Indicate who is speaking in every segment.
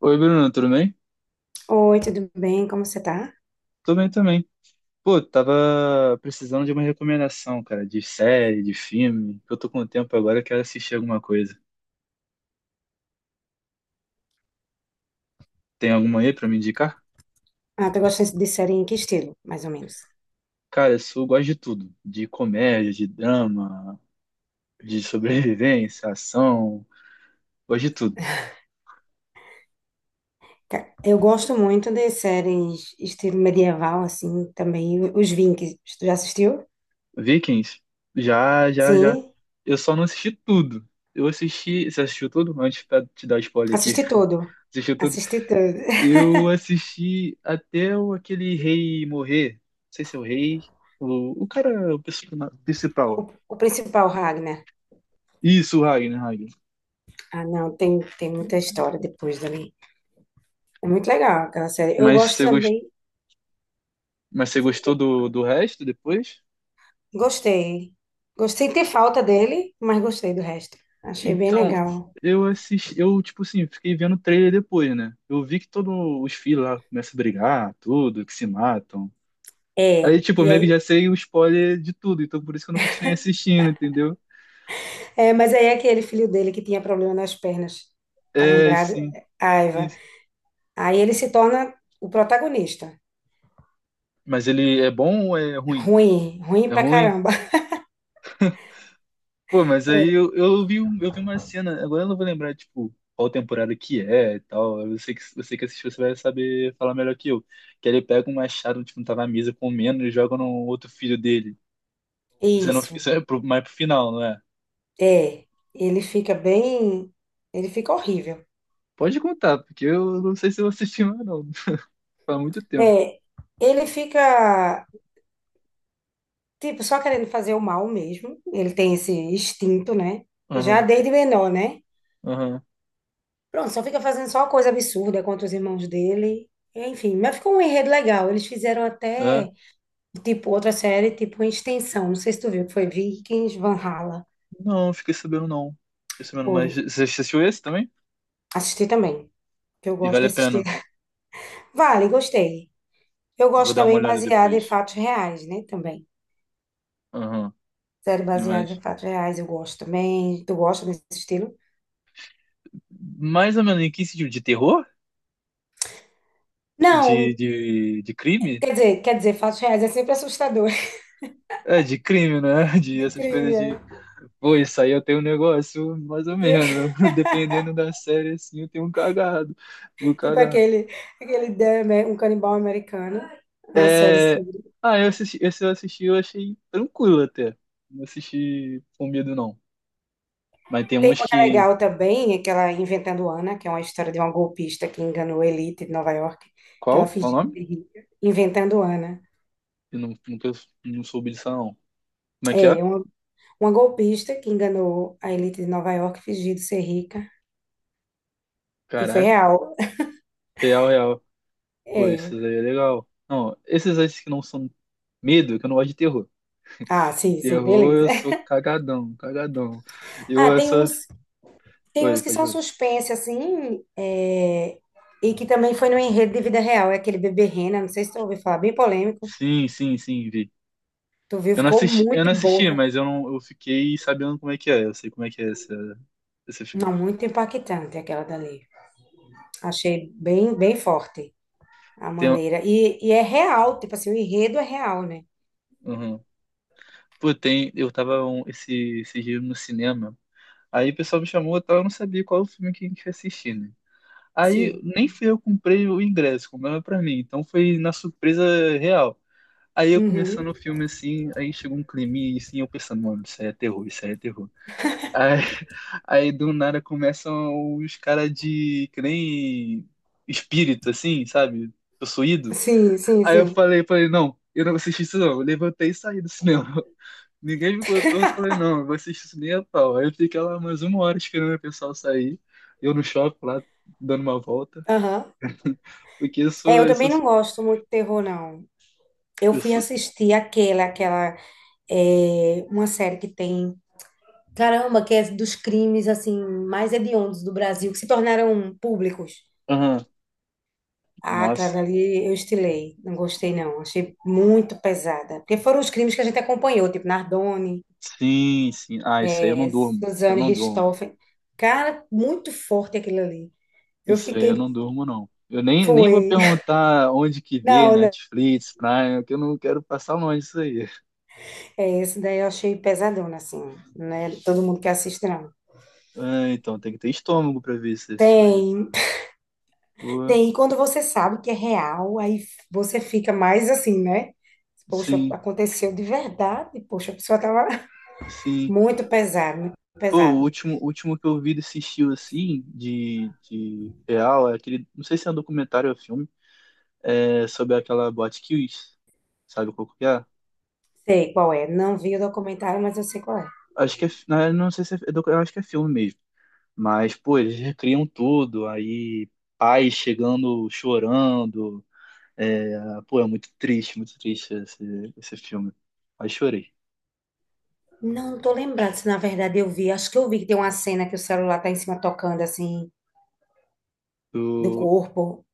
Speaker 1: Oi, Bruno, tudo bem?
Speaker 2: Oi, tudo bem? Como você tá?
Speaker 1: Tô bem também. Pô, tava precisando de uma recomendação, cara, de série, de filme, que eu tô com tempo agora, eu quero assistir alguma coisa. Tem alguma aí pra me indicar?
Speaker 2: Ah, tu gosta de série em que estilo, mais ou menos?
Speaker 1: Cara, eu sou, gosto de tudo, de comédia, de drama, de sobrevivência, ação, gosto de tudo.
Speaker 2: Eu gosto muito de séries estilo medieval, assim, também os Vikings. Tu já assistiu?
Speaker 1: Vikings, já, já, já.
Speaker 2: Sim,
Speaker 1: Eu só não assisti tudo. Eu assisti, você assistiu tudo? Antes pra te dar spoiler aqui.
Speaker 2: assisti tudo.
Speaker 1: Assistiu tudo?
Speaker 2: Assisti tudo.
Speaker 1: Eu assisti até o, aquele rei morrer. Não sei se é o rei. O cara, o
Speaker 2: O,
Speaker 1: principal.
Speaker 2: o principal, Ragnar.
Speaker 1: Isso, o Ragnar, Ragnar.
Speaker 2: Ah, não, tem muita história depois dali. É muito legal aquela série. Eu
Speaker 1: Mas
Speaker 2: gosto
Speaker 1: você, gos-
Speaker 2: também,
Speaker 1: mas você gostou do resto depois?
Speaker 2: gostei. Gostei de ter falta dele, mas gostei do resto. Achei bem
Speaker 1: Então,
Speaker 2: legal.
Speaker 1: eu assisti. Eu, tipo assim, fiquei vendo o trailer depois, né? Eu vi que todos os filhos lá começam a brigar, tudo, que se matam. Aí,
Speaker 2: É,
Speaker 1: tipo, eu
Speaker 2: e
Speaker 1: meio que
Speaker 2: aí
Speaker 1: já sei o spoiler de tudo, então por isso que eu não continuei assistindo, entendeu?
Speaker 2: é, mas aí é aquele filho dele que tinha problema nas pernas, tá
Speaker 1: É,
Speaker 2: lembrado?
Speaker 1: sim. Sim.
Speaker 2: Aiva. Aí ele se torna o protagonista.
Speaker 1: Mas ele é bom ou é ruim?
Speaker 2: Ruim, ruim
Speaker 1: É
Speaker 2: pra
Speaker 1: ruim?
Speaker 2: caramba.
Speaker 1: Pô, mas aí
Speaker 2: É.
Speaker 1: eu, eu vi, eu vi uma cena, agora eu não vou lembrar, tipo, qual temporada que é e tal. Eu sei que você que assistiu, você vai saber falar melhor que eu. Que ele pega um machado, tipo, tá na mesa comendo e joga no outro filho dele. Isso, eu não,
Speaker 2: Isso,
Speaker 1: isso é pro, mais pro final, não é?
Speaker 2: é. Ele fica bem. Ele fica horrível.
Speaker 1: Pode contar, porque eu não sei se eu assisti mais, não. Faz muito tempo.
Speaker 2: É, ele fica, tipo, só querendo fazer o mal mesmo. Ele tem esse instinto, né? Já
Speaker 1: Aham,
Speaker 2: desde menor, né?
Speaker 1: aham.
Speaker 2: Pronto, só fica fazendo só coisa absurda contra os irmãos dele. Enfim, mas ficou um enredo legal. Eles fizeram
Speaker 1: É.
Speaker 2: até. Tipo, outra série, tipo, em extensão. Não sei se tu viu, que foi Vikings, Valhalla.
Speaker 1: Não, fiquei sabendo não. Fiquei sabendo,
Speaker 2: Foi.
Speaker 1: mas você assistiu esse também?
Speaker 2: Assisti também, que eu
Speaker 1: E
Speaker 2: gosto de
Speaker 1: vale a pena.
Speaker 2: assistir. Vale, gostei. Eu
Speaker 1: Vou
Speaker 2: gosto
Speaker 1: dar uma
Speaker 2: também
Speaker 1: olhada
Speaker 2: baseada em
Speaker 1: depois.
Speaker 2: fatos reais, né? Também.
Speaker 1: Aham.
Speaker 2: Série baseada
Speaker 1: Mas.
Speaker 2: em fatos reais, eu gosto também. Tu gosta desse estilo?
Speaker 1: Mais ou menos em que sentido? De terror? De,
Speaker 2: Não,
Speaker 1: de, de crime?
Speaker 2: quer dizer, fatos reais é sempre assustador.
Speaker 1: É, de crime, né? De
Speaker 2: De
Speaker 1: essas
Speaker 2: crime,
Speaker 1: coisas de.
Speaker 2: é.
Speaker 1: Pô, isso aí eu tenho um negócio, mais ou menos. Dependendo da série, assim, eu tenho um cagado. Tenho um
Speaker 2: Tipo
Speaker 1: cagado.
Speaker 2: aquele, aquele um canibal americano. A série
Speaker 1: É... Ah, eu assisti, esse eu assisti, eu achei tranquilo até. Não assisti com medo, não. Mas tem
Speaker 2: tem
Speaker 1: uns
Speaker 2: uma que é
Speaker 1: que.
Speaker 2: legal também, aquela Inventando Ana, que é uma história de uma golpista que enganou a elite de Nova York, que ela
Speaker 1: Qual? Qual o
Speaker 2: fingiu
Speaker 1: nome?
Speaker 2: ser rica. Inventando Ana.
Speaker 1: Eu não soube disso, não. Como é que é?
Speaker 2: É, uma golpista que enganou a elite de Nova York fingindo ser rica. E foi
Speaker 1: Caraca.
Speaker 2: real.
Speaker 1: Real, real. Pô, esses
Speaker 2: É.
Speaker 1: aí é legal. Não, esses aí que não são medo, que eu não gosto de terror.
Speaker 2: Ah, sim, sim,
Speaker 1: Terror,
Speaker 2: beleza.
Speaker 1: eu sou cagadão, cagadão. Eu
Speaker 2: Ah, tem
Speaker 1: essa.
Speaker 2: uns, tem
Speaker 1: Oi,
Speaker 2: uns que
Speaker 1: pode
Speaker 2: são
Speaker 1: falar.
Speaker 2: suspense, assim, é, e que também foi no enredo de vida real. É aquele Bebê Rena, não sei se tu ouviu falar, bem polêmico.
Speaker 1: Sim, sim, sim, vi.
Speaker 2: Tu viu,
Speaker 1: Eu não
Speaker 2: ficou
Speaker 1: assisti, eu
Speaker 2: muito
Speaker 1: não assisti,
Speaker 2: boa.
Speaker 1: mas eu não, eu fiquei sabendo como é que é. Eu sei como é que é esse filme.
Speaker 2: Não, muito impactante aquela dali. Achei bem, bem forte a
Speaker 1: Tem, um-
Speaker 2: maneira. E é real, tipo assim, o enredo é real, né?
Speaker 1: uhum. Pô, tem, eu tava um, esse dia no cinema. Aí o pessoal me chamou, e tal, eu não sabia qual o filme que a gente ia assistir, né? Aí
Speaker 2: Sim.
Speaker 1: nem fui eu que comprei o ingresso, comprava pra mim. Então foi na surpresa real. Aí eu começando o
Speaker 2: Uhum.
Speaker 1: filme assim, aí chegou um crime e assim, eu pensando, mano, isso aí é terror, isso aí é terror. Aí, aí do nada começam os caras de que nem espírito, assim, sabe? Possuído.
Speaker 2: Sim, sim,
Speaker 1: Aí eu
Speaker 2: sim.
Speaker 1: falei, falei, não, eu não vou assistir isso não. Eu levantei e saí do cinema. Ninguém me contou, eu falei, não, eu vou assistir isso nem a pau. Aí eu fiquei lá mais uma hora esperando o pessoal sair. Eu no shopping lá, dando uma volta.
Speaker 2: Aham.
Speaker 1: Porque eu
Speaker 2: É,
Speaker 1: sou,
Speaker 2: eu
Speaker 1: eu
Speaker 2: também
Speaker 1: sou,
Speaker 2: não gosto muito de terror, não. Eu
Speaker 1: eu
Speaker 2: fui
Speaker 1: sou...
Speaker 2: assistir uma série que tem, caramba, que é dos crimes, assim, mais hediondos do Brasil, que se tornaram públicos.
Speaker 1: Aham,
Speaker 2: Ah, aquela
Speaker 1: nossa.
Speaker 2: dali eu estilei, não gostei, não. Achei muito pesada. Porque foram os crimes que a gente acompanhou, tipo Nardone,
Speaker 1: Sim, sim. Ah, isso aí eu não
Speaker 2: é,
Speaker 1: durmo. Eu
Speaker 2: Suzane
Speaker 1: não durmo.
Speaker 2: Richthofen. Cara, muito forte aquilo ali. Eu
Speaker 1: Isso aí
Speaker 2: fiquei,
Speaker 1: eu não durmo, não. Eu nem, nem vou
Speaker 2: foi.
Speaker 1: perguntar onde que vê,
Speaker 2: Não, né?
Speaker 1: Netflix, Prime, que eu não quero passar longe disso aí.
Speaker 2: É, esse daí eu achei pesadona, assim, né? Todo mundo que assiste, não.
Speaker 1: Ah, então, tem que ter estômago pra ver essas coisas.
Speaker 2: Tem,
Speaker 1: Pô,
Speaker 2: tem, quando você sabe que é real, aí você fica mais assim, né? Poxa,
Speaker 1: sim,
Speaker 2: aconteceu de verdade, poxa, a pessoa tava
Speaker 1: sim.
Speaker 2: muito pesado, muito
Speaker 1: Pô,
Speaker 2: pesado.
Speaker 1: o último que eu vi desse estilo, assim, de real, é aquele, não sei se é um documentário ou filme, é sobre aquela Botkiss, sabe qual que é?
Speaker 2: Sei qual é, não vi o documentário, mas eu sei qual é.
Speaker 1: Acho que é, na verdade, não sei se é, eu acho que é filme mesmo. Mas, pô, eles recriam tudo, aí pais chegando chorando, é, pô, é muito triste esse filme. Aí chorei.
Speaker 2: Não, não tô lembrando se na verdade eu vi, acho que eu vi que tem uma cena que o celular tá em cima tocando, assim, do
Speaker 1: Do,
Speaker 2: corpo.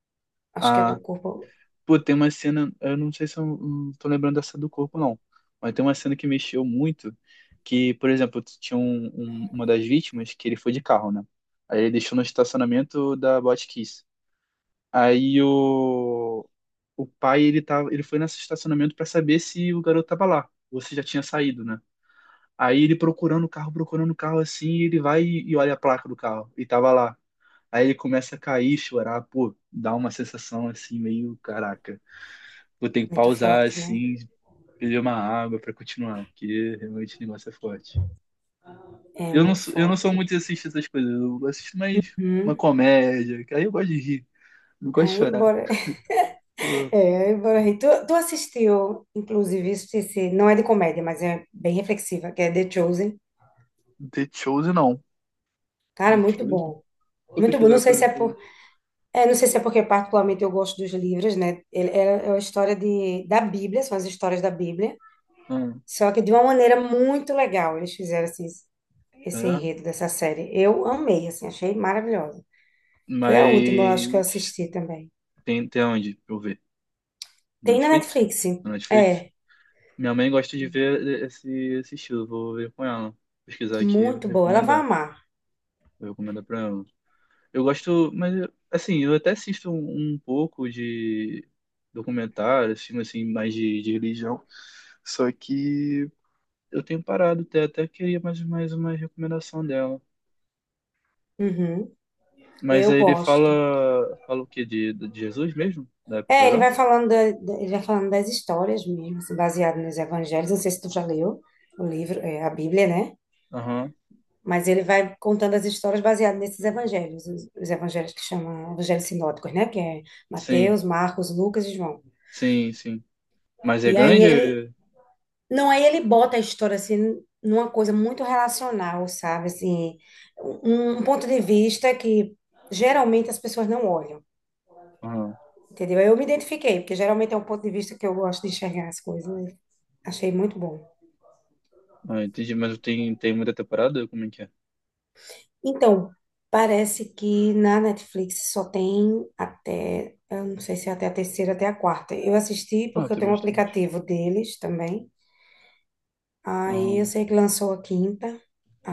Speaker 2: Acho que é do
Speaker 1: a,
Speaker 2: corpo
Speaker 1: pô, tem uma cena, eu não sei se eu não tô lembrando dessa do corpo, não. Mas tem uma cena que mexeu muito, que, por exemplo, tinha uma das vítimas que ele foi de carro, né? Aí ele deixou no estacionamento da Botkiss. Aí o pai, ele tava, ele foi nesse estacionamento para saber se o garoto tava lá, ou se já tinha saído, né? Aí ele procurando o carro assim, e ele vai e olha a placa do carro. E tava lá. Aí ele começa a cair, chorar, pô, dá uma sensação assim, meio, caraca, vou ter que
Speaker 2: muito
Speaker 1: pausar
Speaker 2: forte, né?
Speaker 1: assim, beber uma água pra continuar, porque realmente o negócio é forte.
Speaker 2: É
Speaker 1: Eu não
Speaker 2: muito
Speaker 1: sou, eu não sou
Speaker 2: forte.
Speaker 1: muito de assistir essas coisas, eu assisto mais uma
Speaker 2: Hum.
Speaker 1: comédia, que aí eu gosto de rir, não gosto de
Speaker 2: Aí,
Speaker 1: chorar.
Speaker 2: bora.
Speaker 1: Eu-
Speaker 2: É, bora rir. Tu assistiu, inclusive, não é de comédia, mas é bem reflexiva, que é The Chosen.
Speaker 1: The Chosen não.
Speaker 2: Cara,
Speaker 1: The
Speaker 2: muito
Speaker 1: Chosen,
Speaker 2: bom.
Speaker 1: vou
Speaker 2: Muito bom. Não
Speaker 1: pesquisar
Speaker 2: sei
Speaker 1: pra
Speaker 2: se é
Speaker 1: ver.
Speaker 2: é, não sei se é porque particularmente eu gosto dos livros, né? Ele é a história de, da Bíblia, são as histórias da Bíblia,
Speaker 1: Ah,
Speaker 2: só que de uma maneira muito legal. Eles fizeram assim, esse
Speaker 1: é,
Speaker 2: enredo dessa série. Eu amei, assim, achei maravilhosa. Foi a última, eu acho que eu
Speaker 1: mas
Speaker 2: assisti também.
Speaker 1: tem, tem onde? Deixa eu ver.
Speaker 2: Tem na
Speaker 1: Netflix?
Speaker 2: Netflix.
Speaker 1: No Netflix?
Speaker 2: É,
Speaker 1: Minha mãe gosta de ver esse estilo, vou ver com ela. Pesquisar aqui,
Speaker 2: muito boa. Ela vai
Speaker 1: recomendar.
Speaker 2: amar.
Speaker 1: Vou recomendar pra ela. Eu gosto, mas assim, eu até assisto um, um pouco de documentários, filme assim, mais de religião. Só que eu tenho parado até, até queria mais, mais uma recomendação dela.
Speaker 2: Uhum,
Speaker 1: Mas
Speaker 2: eu
Speaker 1: aí ele
Speaker 2: gosto.
Speaker 1: fala, fala o quê? De Jesus mesmo? Da
Speaker 2: É,
Speaker 1: época
Speaker 2: ele
Speaker 1: já?
Speaker 2: vai falando, ele vai falando das histórias mesmo, assim, baseado nos evangelhos. Não sei se tu já leu o livro, é, a Bíblia, né?
Speaker 1: Aham.
Speaker 2: Mas ele vai contando as histórias baseadas nesses evangelhos, os evangelhos que chamam evangelhos sinóticos, né? Que é
Speaker 1: Sim,
Speaker 2: Mateus, Marcos, Lucas e João.
Speaker 1: sim, sim. Mas é
Speaker 2: E aí ele,
Speaker 1: grande?
Speaker 2: não, aí ele bota a história assim numa coisa muito relacional, sabe? Assim, um ponto de vista que geralmente as pessoas não olham,
Speaker 1: Aham.
Speaker 2: entendeu? Eu me identifiquei, porque geralmente é um ponto de vista que eu gosto de enxergar as coisas, né? Achei muito bom.
Speaker 1: Ah, entendi, mas tem, tem muita temporada? Como é que é?
Speaker 2: Então, parece que na Netflix só tem até, eu não sei se é até a terceira, até a quarta. Eu assisti
Speaker 1: Ah,
Speaker 2: porque eu
Speaker 1: tem
Speaker 2: tenho um
Speaker 1: bastante.
Speaker 2: aplicativo deles também.
Speaker 1: Ah,
Speaker 2: Aí eu sei que lançou a quinta,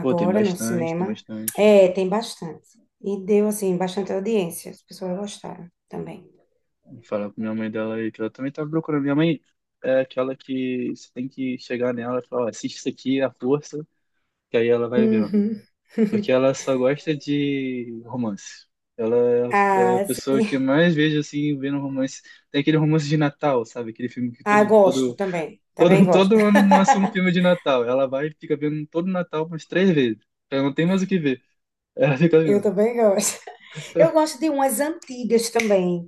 Speaker 1: pô, tem
Speaker 2: no
Speaker 1: bastante, tem
Speaker 2: cinema.
Speaker 1: bastante.
Speaker 2: É, tem bastante. E deu, assim, bastante audiência. As pessoas gostaram também.
Speaker 1: Vou falar com minha mãe dela aí, que ela também tá procurando. Minha mãe é aquela que você tem que chegar nela e falar, ó, assiste isso aqui à força, que aí ela vai vendo.
Speaker 2: Uhum.
Speaker 1: Porque ela só gosta de romance. Ela é a
Speaker 2: Ah,
Speaker 1: pessoa
Speaker 2: sim.
Speaker 1: que eu mais vejo, assim, vendo romance. Tem aquele romance de Natal, sabe? Aquele filme que
Speaker 2: Ah,
Speaker 1: todo,
Speaker 2: gosto
Speaker 1: todo,
Speaker 2: também. Também
Speaker 1: todo,
Speaker 2: gosto.
Speaker 1: todo ano lança um filme de Natal. Ela vai e fica vendo todo Natal umas três vezes. Ela não tem mais o que ver. É, fica
Speaker 2: Eu
Speaker 1: vendo.
Speaker 2: também gosto. Eu gosto de umas antigas também.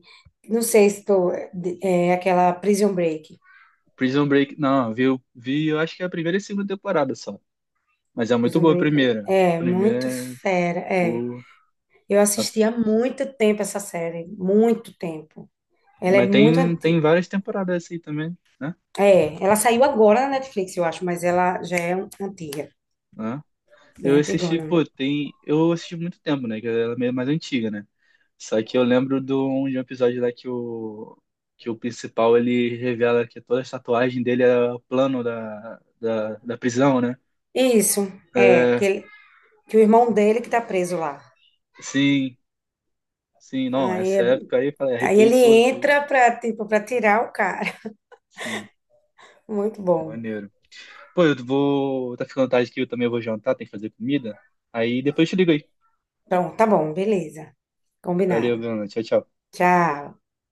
Speaker 2: Não sei se tu. É aquela Prison Break.
Speaker 1: Prison Break, não, vi, vi, eu acho que é a primeira e segunda temporada só. Mas é muito
Speaker 2: Prison
Speaker 1: boa a
Speaker 2: Break
Speaker 1: primeira.
Speaker 2: é
Speaker 1: A
Speaker 2: muito
Speaker 1: primeira é
Speaker 2: fera. É.
Speaker 1: pô.
Speaker 2: Eu
Speaker 1: a-
Speaker 2: assisti há muito tempo essa série. Muito tempo. Ela é
Speaker 1: mas
Speaker 2: muito
Speaker 1: tem, tem
Speaker 2: antiga.
Speaker 1: várias temporadas assim também, né?
Speaker 2: É, ela saiu agora na Netflix, eu acho, mas ela já é antiga,
Speaker 1: Né? Eu
Speaker 2: bem
Speaker 1: assisti,
Speaker 2: antigona.
Speaker 1: pô, tem. Eu assisti muito tempo, né? Que ela é meio mais antiga, né? Só que eu lembro de um episódio lá que o principal ele revela que toda a tatuagem dele é o plano da prisão, né?
Speaker 2: Isso, é,
Speaker 1: É,
Speaker 2: que o irmão dele que tá preso lá.
Speaker 1: sim, sim, não.
Speaker 2: Aí,
Speaker 1: Essa
Speaker 2: é-
Speaker 1: época aí, falei,
Speaker 2: aí
Speaker 1: arrepiei
Speaker 2: ele
Speaker 1: todo.
Speaker 2: entra pra, tipo, pra tirar o cara.
Speaker 1: Sim,
Speaker 2: Muito
Speaker 1: pô,
Speaker 2: bom.
Speaker 1: maneiro. Pô, eu vou. Tá ficando tarde aqui, eu também vou jantar, tem que fazer comida. Aí depois eu te ligo aí.
Speaker 2: Pronto, tá bom, beleza.
Speaker 1: Valeu,
Speaker 2: Combinado.
Speaker 1: Bruno. Tchau, tchau.
Speaker 2: Tchau.